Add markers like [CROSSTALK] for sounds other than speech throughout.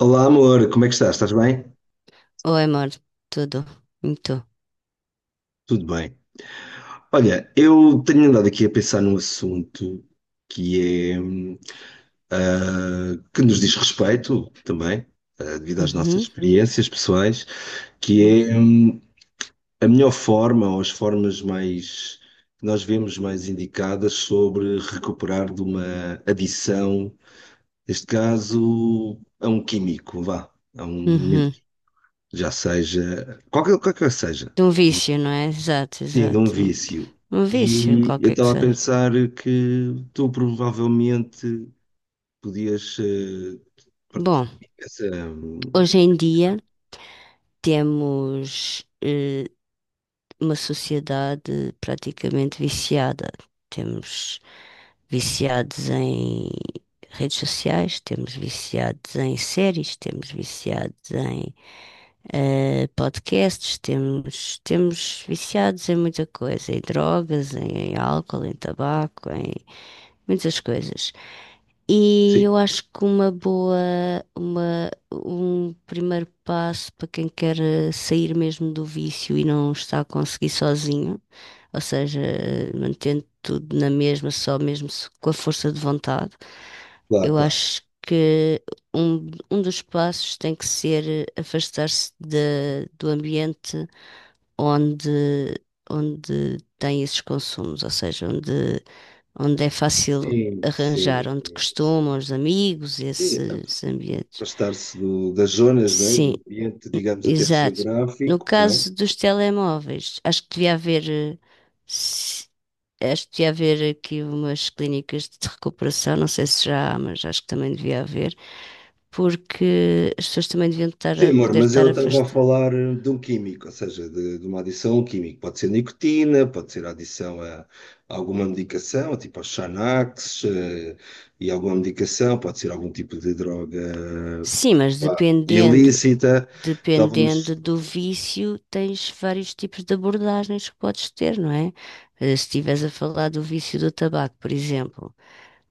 Olá, amor, como é que estás? Estás bem? Oi, amor, tudo. E tu? Tudo bem. Olha, eu tenho andado aqui a pensar num assunto que é, que nos diz respeito também, devido às nossas Uhum. experiências pessoais, que é, a melhor forma ou as formas mais que nós vemos mais indicadas sobre recuperar de uma adição, neste caso, a um químico, vá, a um elemento Uhum. que já seja, qualquer que seja. De um vício, não é? Exato, Sim, de um exato. vício. Um vício, E eu qualquer que estava a seja. pensar que tu provavelmente podias Bom, partilhar essa hoje em dia questão. temos uma sociedade praticamente viciada. Temos viciados em redes sociais, temos viciados em séries, temos viciados podcasts, temos viciados em muita coisa, em drogas, em álcool, em tabaco, em muitas coisas. E Sim, eu acho que um primeiro passo para quem quer sair mesmo do vício e não está a conseguir sozinho, ou seja, mantendo tudo na mesma, só mesmo com a força de vontade, claro, eu claro. acho que um dos passos tem que ser afastar-se do ambiente onde, onde tem esses consumos, ou seja, onde é fácil Sim, sim, arranjar, onde sim. costumam os amigos, Sim, esses ambientes. afastar-se do- das zonas, não é? Sim, Do ambiente, digamos, até exato. No geográfico, não é? caso dos telemóveis, acho que devia haver, se- acho que devia haver aqui umas clínicas de recuperação, não sei se já há, mas acho que também devia haver, porque as pessoas também deviam estar Sim, a amor, poder mas estar eu estava a afastadas. falar de um químico, ou seja, de uma adição a um químico. Pode ser nicotina, pode ser adição a alguma medicação, tipo aos Xanax, e alguma medicação, pode ser algum tipo de droga Sim, mas pá, dependendo, ilícita. dependendo Estávamos. do vício, tens vários tipos de abordagens que podes ter, não é? Se estiveres a falar do vício do tabaco, por exemplo,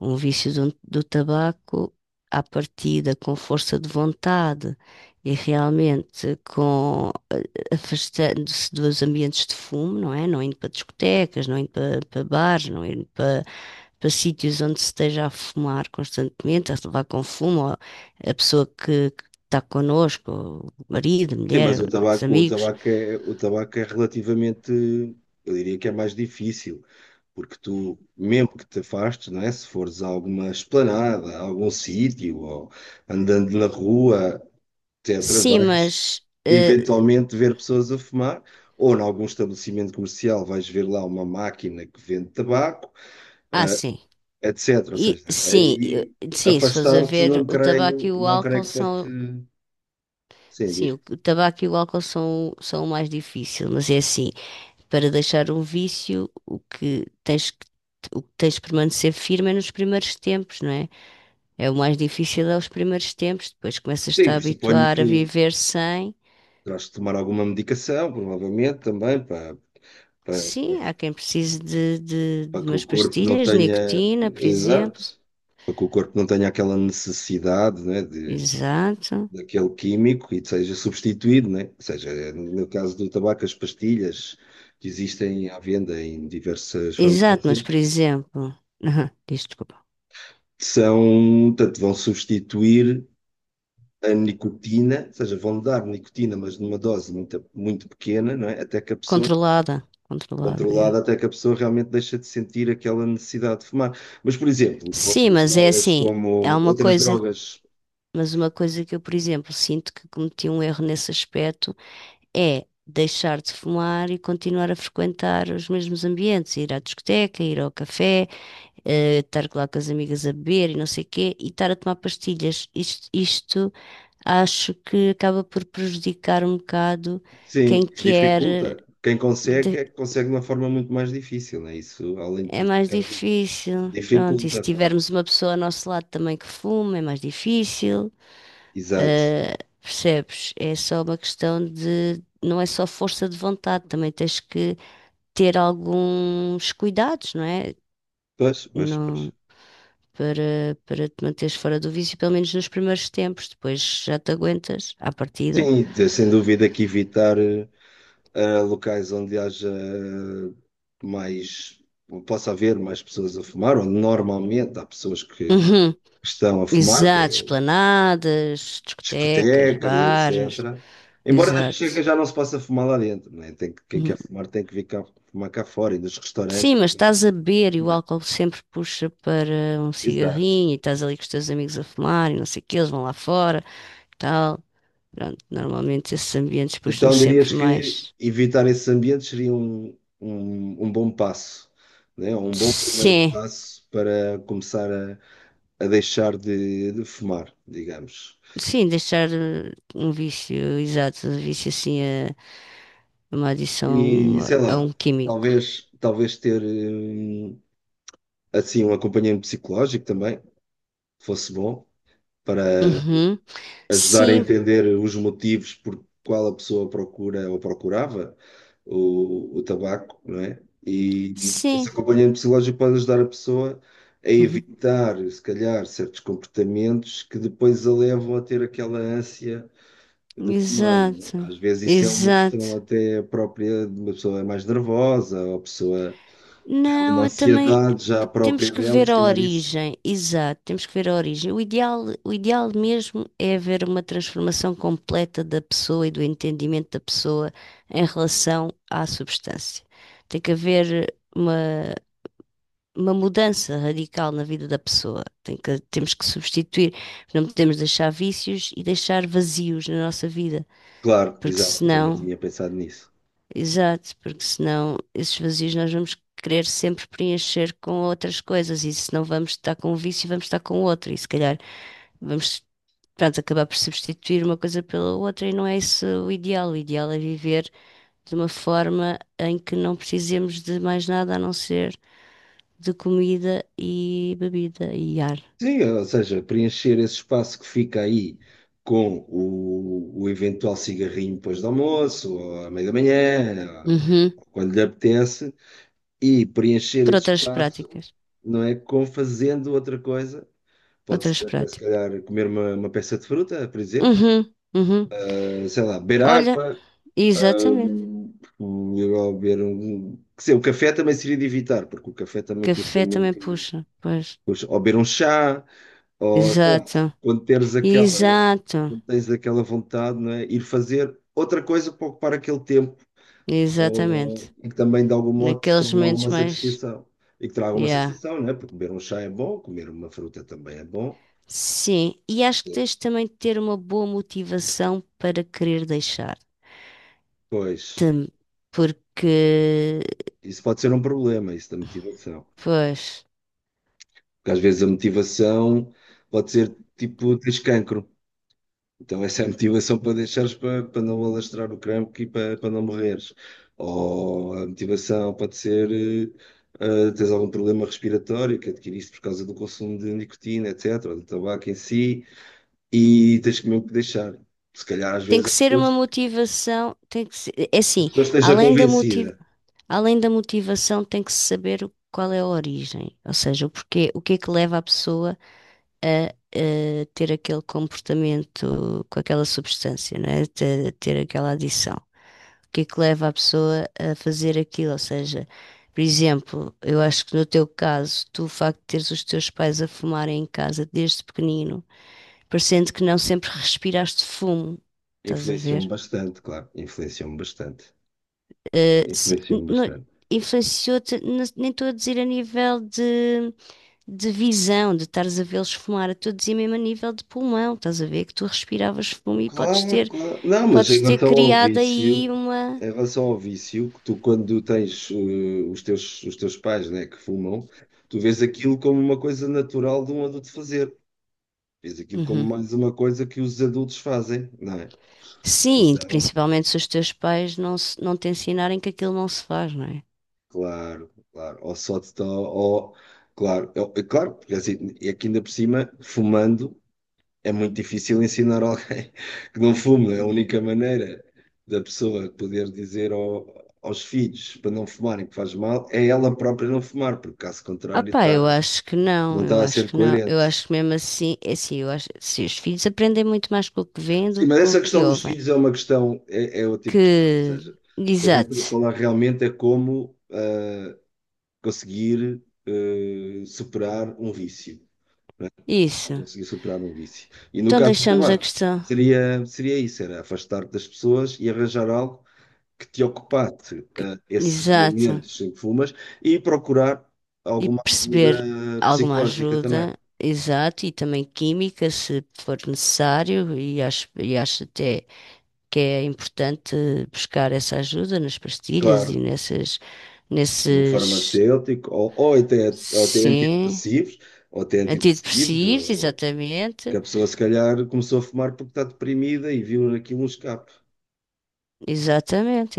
um vício do tabaco, à partida, com força de vontade e realmente com afastando-se dos ambientes de fumo, não é? Não indo para discotecas, não indo para bares, não indo para, para sítios onde se esteja a fumar constantemente, a levar com fumo, ou a pessoa que está connosco, o marido, a Sim, mas o mulher, os tabaco, amigos. O tabaco é relativamente, eu diria que é mais difícil, porque tu, mesmo que te afastes, não é? Se fores a alguma esplanada, a algum sítio, ou andando na rua, etc., Sim, vais mas. eh, eventualmente ver pessoas a fumar, ou em algum estabelecimento comercial vais ver lá uma máquina que vende tabaco, ah, sim. etc. Ou seja, Sim, aí sim, se fores a afastar-te ver, não o tabaco creio, e o não creio álcool que fosse. são. Sim, Sim, diz. o tabaco e o álcool são, são o mais difícil, mas é assim. Para deixar um vício, o que tens de permanecer firme é nos primeiros tempos, não é? É o mais difícil é os primeiros tempos, depois começas-te a Sim, suponho habituar a que viver sem. terás de tomar alguma medicação, provavelmente também, para, Sim, há quem precise para de que o umas corpo não pastilhas, tenha. nicotina, por exemplo. Exato. Para que o corpo não tenha aquela necessidade, né, de Exato. daquele químico e seja substituído, né? Ou seja, no meu caso do tabaco, as pastilhas que existem à venda em diversas Exato, mas farmácias por exemplo, [LAUGHS] diz, desculpa, são, portanto, vão substituir a nicotina, ou seja, vão dar nicotina, mas numa dose muito, muito pequena, não é? Até que a pessoa, controlada, controlada, é. controlada, até que a pessoa realmente deixa de sentir aquela necessidade de fumar. Mas, por exemplo, Sim, mas é assim, é uma outras coisa, drogas. mas uma coisa que eu, por exemplo, sinto que cometi um erro nesse aspecto é deixar de fumar e continuar a frequentar os mesmos ambientes, ir à discoteca, ir ao café, estar lá com as amigas a beber e não sei quê, e estar a tomar pastilhas. Isto acho que acaba por prejudicar um bocado quem Sim, quer. dificulta. Quem consegue, de- é que consegue de uma forma muito mais difícil, não é isso? Além de É mais prejudicar, difícil. Pronto, e se dificulta, pá. tivermos uma pessoa ao nosso lado também que fuma, é mais difícil. Exato. Eh, Percebes? É só uma questão de. Não é só força de vontade, também tens que ter alguns cuidados, não é? Pois, pois, pois. Não, para te manteres fora do vício, pelo menos nos primeiros tempos, depois já te aguentas à partida. Sim, de- sem dúvida que evitar locais onde haja mais, possa haver mais pessoas a fumar, onde normalmente há pessoas que Uhum. estão a fumar, que é Exato, em esplanadas, discotecas, discotecas, bares, etc. Embora nas discotecas exato. já não se possa fumar lá dentro, não é? Tem que, quem quer Uhum. fumar tem que vir cá, fumar cá fora e nos restaurantes Sim, mas estás a beber e o também. álcool sempre puxa para um Exato. cigarrinho e estás ali com os teus amigos a fumar e não sei o que, eles vão lá fora, tal. Pronto, normalmente esses ambientes puxam Então dirias sempre que mais. evitar esses ambientes seria um bom passo, né? Um bom primeiro Sim. passo para começar a deixar de fumar, digamos. Sim, deixar um vício, exato, um vício assim, é uma E adição sei a lá, um químico. Talvez ter assim um acompanhamento psicológico também fosse bom para Uhum. ajudar a Sim, entender os motivos por qual a pessoa procura ou procurava o tabaco, não é? E esse sim. acompanhamento psicológico pode ajudar a pessoa a Uhum. evitar, se calhar, certos comportamentos que depois a levam a ter aquela ânsia de fumar, não é? Exato, Às vezes isso é uma questão exato. até própria de uma pessoa mais nervosa, ou a pessoa tem alguma Não, eu também ansiedade já própria temos que dela, e ver se a calhar isso. origem, exato, temos que ver a origem. O ideal mesmo é haver uma transformação completa da pessoa e do entendimento da pessoa em relação à substância. Tem que haver uma mudança radical na vida da pessoa. Temos que substituir, não podemos deixar vícios e deixar vazios na nossa vida, Claro, porque exato, também senão, tinha pensado nisso. exato, porque senão esses vazios nós vamos querer sempre preencher com outras coisas e se não vamos estar com um vício, vamos estar com outro e se calhar vamos, pronto, acabar por substituir uma coisa pela outra e não é isso o ideal. O ideal é viver de uma forma em que não precisemos de mais nada a não ser de comida e bebida e ar. Sim, ou seja, preencher esse espaço que fica aí com o eventual cigarrinho depois do almoço, ou à meia da manhã, Uhum. ou quando lhe apetece, e preencher Por esse outras espaço, práticas. não é? Com fazendo outra coisa. Pode Outras ser até, se práticas. calhar, comer uma peça de fruta, por exemplo. Uhum. Uhum. Sei lá, beber Olha, água, exatamente. Ou beber um. Quer dizer, o café também seria de evitar, porque o café também custa Café também muito. puxa. Pois. Custa, ou beber um chá. Claro. Exato. Quando teres aquela, Exato. quando tens aquela vontade, não é? Ir fazer outra coisa para ocupar aquele tempo, ou- Exatamente. e que também de algum modo te Naqueles traga momentos alguma mais. satisfação. E que traga alguma Yeah. satisfação, não é? Porque comer um chá é bom, comer uma fruta também é bom. Sim. E acho que tens também de ter uma boa motivação para querer deixar. Pois, Tam- Porque. isso pode ser um problema, isso da motivação. Pois. Porque às vezes a motivação pode ser tipo, tens cancro. Então essa é a motivação para deixares para não alastrar o crampo e para não morreres. Ou a motivação pode ser tens algum problema respiratório que adquiriste por causa do consumo de nicotina, etc., ou do tabaco em si, e tens que mesmo que deixar. Se calhar às Tem vezes que as ser uma pessoas, motivação. Tem que ser. É a assim. pessoa esteja Além da motivação. convencida. Além da motivação, tem que se saber qual é a origem, ou seja, o porquê, o que é que leva a pessoa a, ter aquele comportamento com aquela substância, não é? Ter aquela adição. O que é que leva a pessoa a fazer aquilo? Ou seja, por exemplo, eu acho que no teu caso, tu o facto de teres os teus pais a fumarem em casa desde pequenino, parecendo que não sempre respiraste fumo, estás a Influenciou-me ver? bastante, claro. Influenciou-me bastante. Eh, se- n- Influenciou-me não- bastante. Influenciou-te, nem estou a dizer a nível de visão, de estares a vê-los fumar a todos e mesmo a nível de pulmão, estás a ver que tu respiravas fumo e Claro, claro. Não, mas em podes ter relação ao criado aí vício, uma. em relação ao vício, que tu quando tens os teus pais, né, que fumam, tu vês aquilo como uma coisa natural de um adulto fazer. Vês aquilo como Uhum. mais uma coisa que os adultos fazem, não é? Sim, Então, principalmente se os teus pais não, não te ensinarem que aquilo não se faz, não é? claro, claro. Ou só te dá, ou, claro, é, é claro, porque assim, é que ainda por cima, fumando, é muito difícil ensinar alguém [LAUGHS] que não fume. É a única maneira da pessoa poder dizer ao- aos filhos para não fumarem que faz mal é ela própria não fumar, porque caso Ah contrário pá, está- não eu está a acho ser que não, eu coerente. acho que mesmo assim, é assim, eu acho, se os filhos aprendem muito mais com o que veem Sim, do que mas com o essa que questão dos ouvem, filhos é uma questão, é o tipo de questão, ou que, seja, o que a gente pode exato, falar realmente é como ah, conseguir ah, superar um vício, né? isso, Conseguir superar um vício. E no então caso do deixamos a tabaco, questão, seria isso, era afastar-te das pessoas e arranjar algo que te ocupasse que- esses exato, momentos em que fumas e procurar e alguma perceber ajuda alguma psicológica também. ajuda, exato, e também química, se for necessário, e acho até que é importante buscar essa ajuda nas pastilhas Claro, um nesses, farmacêutico, ou até sim, antidepressivos, ou até antidepressivos, ou- antidepressivos, ou- que exatamente, a pessoa se calhar começou a fumar porque está deprimida e viu aquilo um escape. exatamente,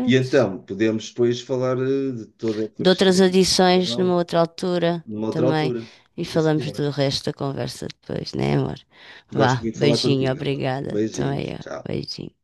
E então, podemos depois falar de toda esta De questão outras de adições numa depressão outra altura numa outra também. altura. E Sim, falamos senhora. do resto da conversa depois, né, amor? Gosto Vá, muito de falar beijinho, contigo, amor. obrigada. Também Beijinhos. eu, Tchau. beijinho.